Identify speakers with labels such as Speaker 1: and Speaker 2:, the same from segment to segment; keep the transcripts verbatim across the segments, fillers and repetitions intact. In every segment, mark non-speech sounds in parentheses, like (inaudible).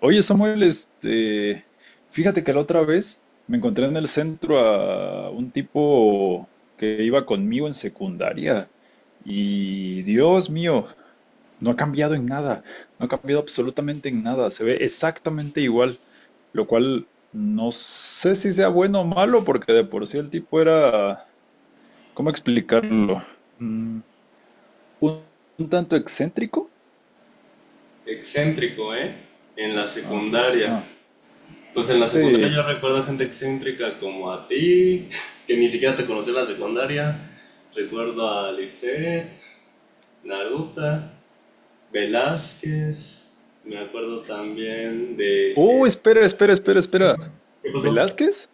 Speaker 1: Oye, Samuel, este, fíjate que la otra vez me encontré en el centro a un tipo que iba conmigo en secundaria y Dios mío, no ha cambiado en nada, no ha cambiado absolutamente en nada, se ve exactamente igual, lo cual no sé si sea bueno o malo porque de por sí el tipo era, ¿cómo explicarlo? Mm, un, un tanto excéntrico.
Speaker 2: Excéntrico, ¿eh? En la secundaria.
Speaker 1: Ajá,
Speaker 2: Pues en la secundaria
Speaker 1: sí.
Speaker 2: yo recuerdo gente excéntrica como a ti, (laughs) que ni siquiera te conocí en la secundaria. Recuerdo a Lisette, Naruta, Velázquez. Me acuerdo también de...
Speaker 1: Uh,
Speaker 2: eh,
Speaker 1: espera, espera, espera, espera.
Speaker 2: ¿Qué pasó?
Speaker 1: ¿Velázquez?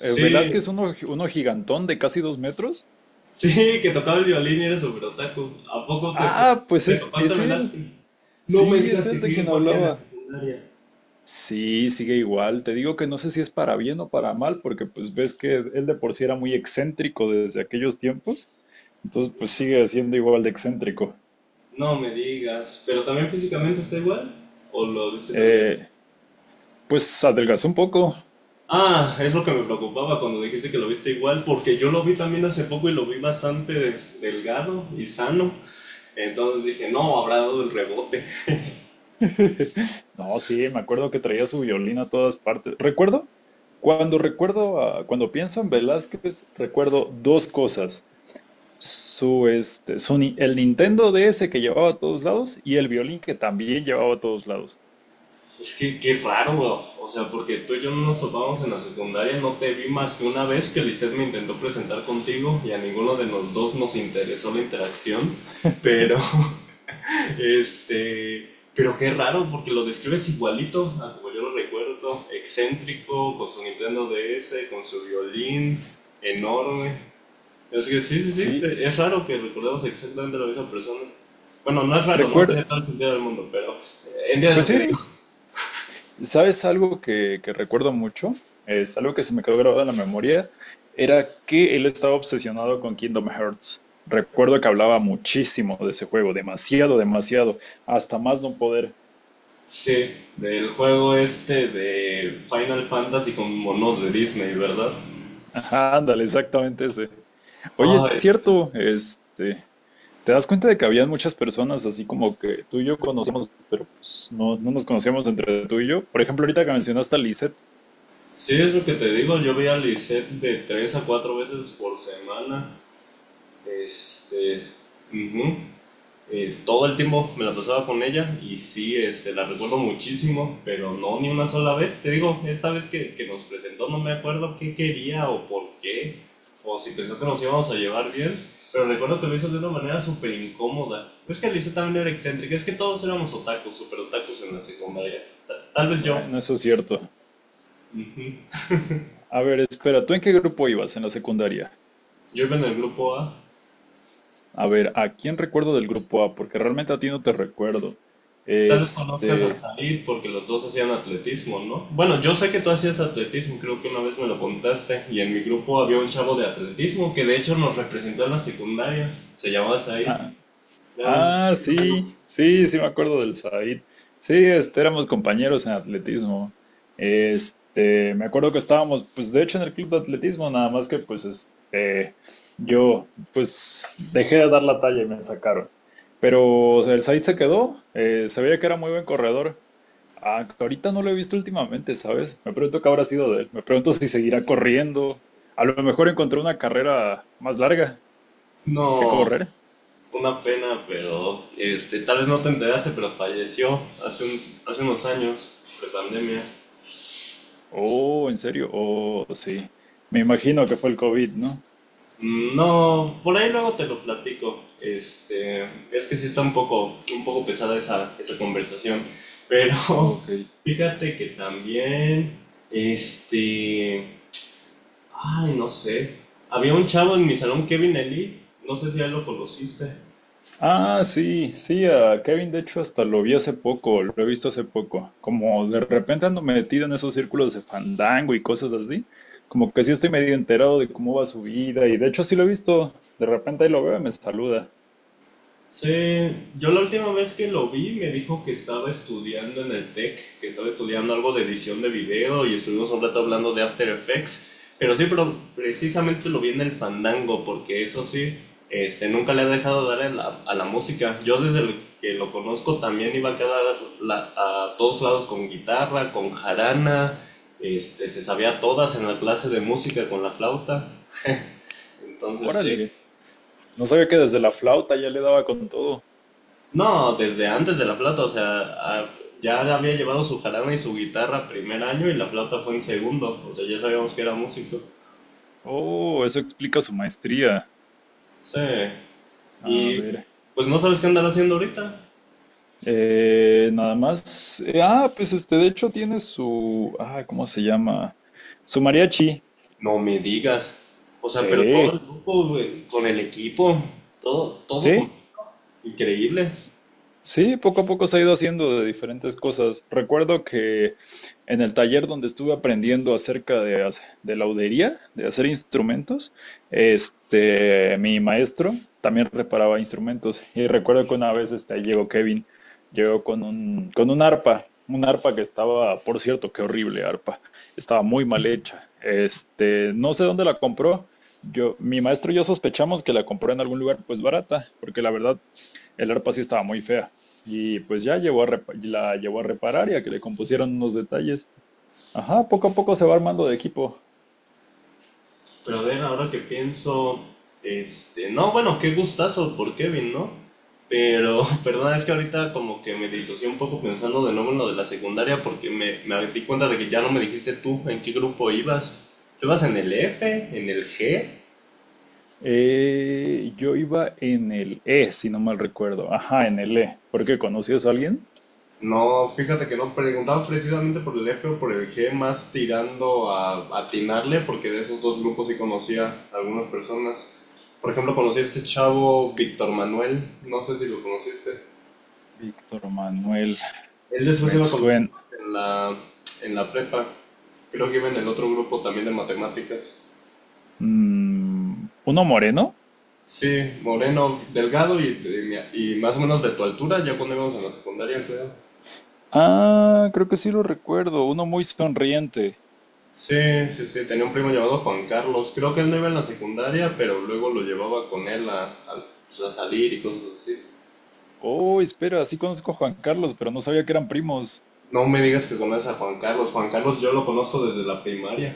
Speaker 1: Eh, ¿Velázquez, uno, uno gigantón de casi dos metros?
Speaker 2: (laughs) sí, que tocaba el violín y era súper otaku. ¿A poco te,
Speaker 1: Ah, pues
Speaker 2: te
Speaker 1: es,
Speaker 2: topaste a
Speaker 1: es
Speaker 2: Velázquez?
Speaker 1: él.
Speaker 2: No me
Speaker 1: Sí, es
Speaker 2: digas que
Speaker 1: él de
Speaker 2: sigue
Speaker 1: quien
Speaker 2: igual que en la
Speaker 1: hablaba.
Speaker 2: secundaria.
Speaker 1: Sí, sigue igual. Te digo que no sé si es para bien o para mal, porque pues ves que él de por sí era muy excéntrico desde aquellos tiempos. Entonces, pues sigue siendo igual de excéntrico.
Speaker 2: No me digas, pero también físicamente está igual o lo viste cambiar.
Speaker 1: Eh, pues adelgazó un poco.
Speaker 2: Ah, es lo que me preocupaba cuando dijiste que lo viste igual, porque yo lo vi también hace poco y lo vi bastante des- delgado y sano. Entonces dije, no, habrá dado el rebote.
Speaker 1: (laughs) No, sí, me acuerdo que traía su violín a todas partes. Recuerdo, cuando recuerdo, a- cuando pienso en Velázquez, recuerdo dos cosas. Su, este, su, ni- El Nintendo D S que llevaba a todos lados y el violín que también llevaba a todos lados.
Speaker 2: Es que qué raro, o sea, porque tú y yo no nos topamos en la secundaria, no te vi más que una vez que Lisette me intentó presentar contigo y a ninguno de los dos nos interesó la interacción, pero Este, pero qué raro, porque lo describes igualito a como yo lo recuerdo. Excéntrico, con su Nintendo D S, con su violín, enorme. Así que sí, sí, sí,
Speaker 1: Sí,
Speaker 2: te- es raro que recordemos exactamente la misma persona. Bueno, no es raro, no
Speaker 1: recuerdo,
Speaker 2: tiene todo el sentido del mundo, pero eh, entiendes
Speaker 1: pues
Speaker 2: lo que
Speaker 1: sí.
Speaker 2: digo.
Speaker 1: ¿Sabes algo que, que recuerdo mucho? Es algo que se me quedó grabado en la memoria. Era que él estaba obsesionado con Kingdom Hearts. Recuerdo que hablaba muchísimo de ese juego, demasiado, demasiado, hasta más no poder.
Speaker 2: Sí, del juego este de Final Fantasy con monos de Disney, ¿verdad?
Speaker 1: (laughs) Ajá, ándale, exactamente ese. Oye, es
Speaker 2: Ay, sí,
Speaker 1: cierto, este, te das cuenta de que habían muchas personas así como que tú y yo conocemos, pero pues, no, no nos conocíamos entre tú y yo. Por ejemplo, ahorita que mencionaste a Lisette,
Speaker 2: sí, es lo que te digo, yo veía a Lisette de tres a cuatro veces por semana. Este, ujú, es- todo el tiempo me la pasaba con ella y sí, este, la recuerdo muchísimo, pero no ni una sola vez. Te digo, esta vez que, que nos presentó no me acuerdo qué quería o por qué, o si pensó que nos íbamos a llevar bien, pero recuerdo que lo hizo de una manera súper incómoda. Es que Lisa también era excéntrica, es que todos éramos otakus, súper otakus en la secundaria. Ta- Tal vez yo.
Speaker 1: bueno, eso es cierto.
Speaker 2: Ujú.
Speaker 1: A ver, espera, ¿tú en qué grupo ibas en la secundaria?
Speaker 2: Yo iba en el grupo A.
Speaker 1: A ver, ¿a quién recuerdo del grupo A? Porque realmente a ti no te recuerdo.
Speaker 2: Tal vez conozcas a
Speaker 1: Este,
Speaker 2: Said porque los dos hacían atletismo, ¿no? Bueno, yo sé que tú hacías atletismo, creo que una vez me lo contaste. Y en mi grupo había un chavo de atletismo que de hecho nos representó en la secundaria. Se llamaba Said.
Speaker 1: ah,
Speaker 2: Era un
Speaker 1: Ah,
Speaker 2: amigo.
Speaker 1: sí, sí, sí me acuerdo del Said. Sí, este, éramos compañeros en atletismo. Este, me acuerdo que estábamos, pues de hecho en el club de atletismo, nada más que pues este, yo pues dejé de dar la talla y me sacaron. Pero el Said se quedó, eh, se veía que era muy buen corredor. Ah, que ahorita no lo he visto últimamente, ¿sabes? Me pregunto qué habrá sido de él. Me pregunto si seguirá corriendo. A lo mejor encontró una carrera más larga que
Speaker 2: No,
Speaker 1: correr.
Speaker 2: una pena, pero este, tal vez no te enteraste, pero falleció hace, un, hace unos años, de pandemia.
Speaker 1: Oh, ¿en serio? Oh, sí. Me imagino que fue el COVID, ¿no?
Speaker 2: Mm, no, por ahí luego te lo platico. Este, es que sí está un poco, un poco pesada esa, esa conversación. Pero
Speaker 1: Ok.
Speaker 2: (laughs) fíjate que también, este, ay, no sé. Había un chavo en mi salón, Kevin Eli, no sé si ya lo conociste.
Speaker 1: Ah, sí, sí, a Kevin de hecho hasta lo vi hace poco, lo he visto hace poco. Como de repente ando metido en esos círculos de fandango y cosas así, como que sí estoy medio enterado de cómo va su vida y de hecho sí lo he visto, de repente ahí lo veo y me saluda.
Speaker 2: Sí, yo la última vez que lo vi me dijo que estaba estudiando en el TEC, que estaba estudiando algo de edición de video y estuvimos un rato hablando de After Effects, pero sí, pero precisamente lo vi en el Fandango, porque eso sí, este, nunca le ha dejado dar a la, a la música. Yo desde el que lo conozco también iba a quedar la- a todos lados con guitarra, con jarana, este, se sabía todas en la clase de música con la flauta, entonces sí.
Speaker 1: Órale, no sabía que desde la flauta ya le daba con todo.
Speaker 2: No, desde antes de la flauta, o sea, a- ya había llevado su jarana y su guitarra primer año y la flauta fue en segundo, o sea, ya sabíamos que era músico.
Speaker 1: Oh, eso explica su maestría.
Speaker 2: Sí,
Speaker 1: A
Speaker 2: y
Speaker 1: ver.
Speaker 2: pues no sabes qué andar haciendo ahorita.
Speaker 1: Eh, nada más. eh, ah, pues este, de hecho tiene su, ah, ¿cómo se llama? Su mariachi.
Speaker 2: No me digas. O sea, pero todo
Speaker 1: Sí,
Speaker 2: el grupo, güey, con el equipo, todo, todo con-
Speaker 1: sí.
Speaker 2: Increíble.
Speaker 1: Sí, poco a poco se ha ido haciendo de diferentes cosas. Recuerdo que en el taller donde estuve aprendiendo acerca de, hac- de laudería, de hacer instrumentos, este, mi maestro también reparaba instrumentos. Y recuerdo que una vez este, llegó Kevin, llegó con un, con un arpa, un arpa que estaba, por cierto, qué horrible arpa, estaba muy mal hecha. Este, no sé dónde la compró. Yo, mi maestro y yo sospechamos que la compró en algún lugar pues barata, porque la verdad el arpa sí estaba muy fea. Y pues ya llevó a repa- la llevó a reparar y a que le compusieran unos detalles. Ajá, poco a poco se va armando de equipo.
Speaker 2: Pero a ver, ahora que pienso, este, no, bueno, qué gustazo por Kevin, ¿no? Pero, (laughs) perdona, es que ahorita como que me disocié un poco pensando de nuevo en lo de la secundaria porque me, me di cuenta de que ya no me dijiste tú en qué grupo ibas. ¿Tú ibas en el F? ¿En el G?
Speaker 1: Eh, yo iba en el E, si no mal recuerdo. Ajá, en el E. ¿Por qué conocías a alguien?
Speaker 2: No, fíjate que no preguntaba precisamente por el F o por el G, más tirando a atinarle porque de esos dos grupos sí conocía a algunas personas. Por ejemplo, conocí a este chavo Víctor Manuel, no sé si lo conociste.
Speaker 1: Víctor Manuel,
Speaker 2: Él después
Speaker 1: me
Speaker 2: iba con los
Speaker 1: suena.
Speaker 2: compas en la, en la prepa. Creo que iba en el otro grupo también de matemáticas.
Speaker 1: Mm, ¿uno moreno?
Speaker 2: Sí, moreno, delgado y, de y más o menos de tu altura, ya cuando íbamos en la secundaria, creo.
Speaker 1: Ah, creo que sí lo recuerdo. Uno muy sonriente.
Speaker 2: Sí, sí, sí, tenía un primo llamado Juan Carlos. Creo que él no iba en la secundaria, pero luego lo llevaba con él a, a, pues, a salir y cosas así.
Speaker 1: Oh, espera, sí conozco a Juan Carlos, pero no sabía que eran primos.
Speaker 2: No me digas que conoces a Juan Carlos. Juan Carlos yo lo conozco desde la primaria.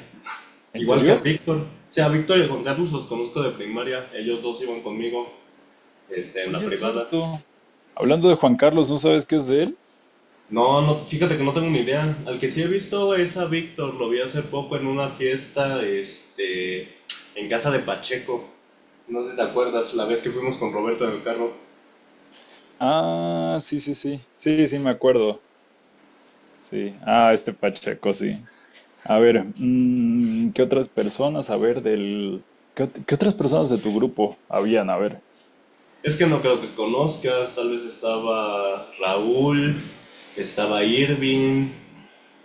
Speaker 1: ¿En
Speaker 2: Igual que al
Speaker 1: serio?
Speaker 2: Víctor. O sea, a Víctor y a Juan Carlos los conozco de primaria. Ellos dos iban conmigo, este, en la
Speaker 1: Oye, es
Speaker 2: privada.
Speaker 1: cierto. Hablando de Juan Carlos, ¿no sabes qué es de él?
Speaker 2: No, no, fíjate que no tengo ni idea. Al que sí he visto es a Víctor, lo vi hace poco en una fiesta, este, en casa de Pacheco. No sé si te acuerdas, la vez que fuimos con Roberto en el carro.
Speaker 1: Ah, sí, sí, sí. Sí, sí, me acuerdo. Sí. Ah, este Pacheco, sí. A ver, mm, ¿qué otras personas? A ver, del... ¿Qué, ot- ¿qué otras personas de tu grupo habían? A ver.
Speaker 2: Es que no creo que conozcas, tal vez estaba Raúl, estaba Irving,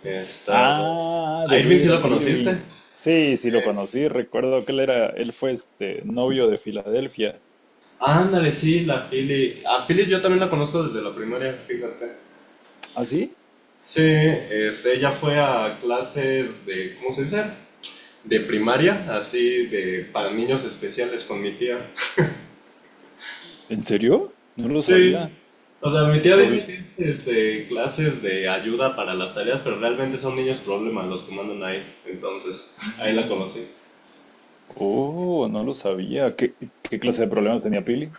Speaker 2: estaba...
Speaker 1: Ah,
Speaker 2: ¿A
Speaker 1: de
Speaker 2: Irving sí lo
Speaker 1: veras,
Speaker 2: conociste?
Speaker 1: Irving. Sí,
Speaker 2: Sí.
Speaker 1: sí, lo conocí. Recuerdo que él era, él fue este novio de Filadelfia.
Speaker 2: Ándale, sí, la Philly. A Philly yo también la conozco desde la primaria, fíjate.
Speaker 1: ¿Ah, sí?
Speaker 2: Sí, este, ella fue a clases de, ¿cómo se dice? De primaria, así de para niños especiales con mi tía.
Speaker 1: ¿En serio? No lo
Speaker 2: Sí.
Speaker 1: sabía.
Speaker 2: O sea, mi
Speaker 1: ¿Qué
Speaker 2: tía dice
Speaker 1: problema?
Speaker 2: que es este, clases de ayuda para las tareas, pero realmente son niños problemas los que mandan ahí. Entonces, ahí la conocí.
Speaker 1: Oh, no lo sabía. ¿Qué, ¿qué clase de problemas tenía Pili?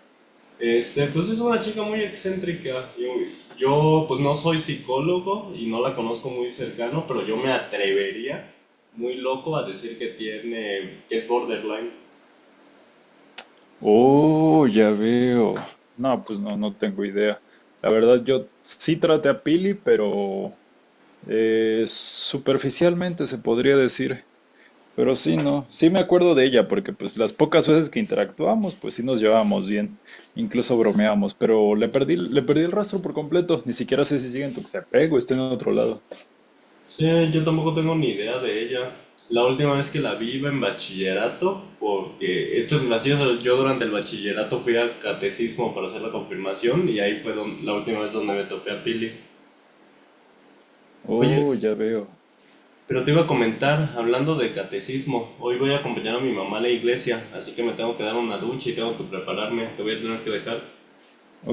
Speaker 2: Este, pues es una chica muy excéntrica. Yo, yo, pues no soy psicólogo y no la conozco muy cercano, pero yo me atrevería muy loco a decir que tiene, que es borderline.
Speaker 1: Oh, ya veo. No, pues no, no tengo idea. La verdad, yo sí traté a Pili, pero eh, superficialmente se podría decir. Pero sí, no, sí me acuerdo de ella, porque pues las pocas veces que interactuamos, pues sí nos llevábamos bien, incluso bromeamos, pero le perdí, le perdí el rastro por completo, ni siquiera sé si sigue en Tuxtepec o está en otro lado.
Speaker 2: Sí, yo tampoco tengo ni idea de ella. La última vez que la vi iba en bachillerato, porque esto es gracioso, yo durante el bachillerato fui al catecismo para hacer la confirmación y ahí fue don- la última vez donde me topé a Pili. Oye,
Speaker 1: Oh, ya veo.
Speaker 2: pero te iba a comentar, hablando de catecismo, hoy voy a acompañar a mi mamá a la iglesia, así que me tengo que dar una ducha y tengo que prepararme, te voy a tener que dejar.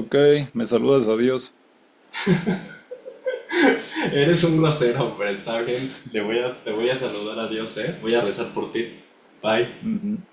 Speaker 1: Ok, me saludas, adiós.
Speaker 2: (laughs) Eres un grosero, pero está bien, le voy a, te voy a saludar a Dios, ¿eh? Voy a rezar por ti. Bye.
Speaker 1: Dios.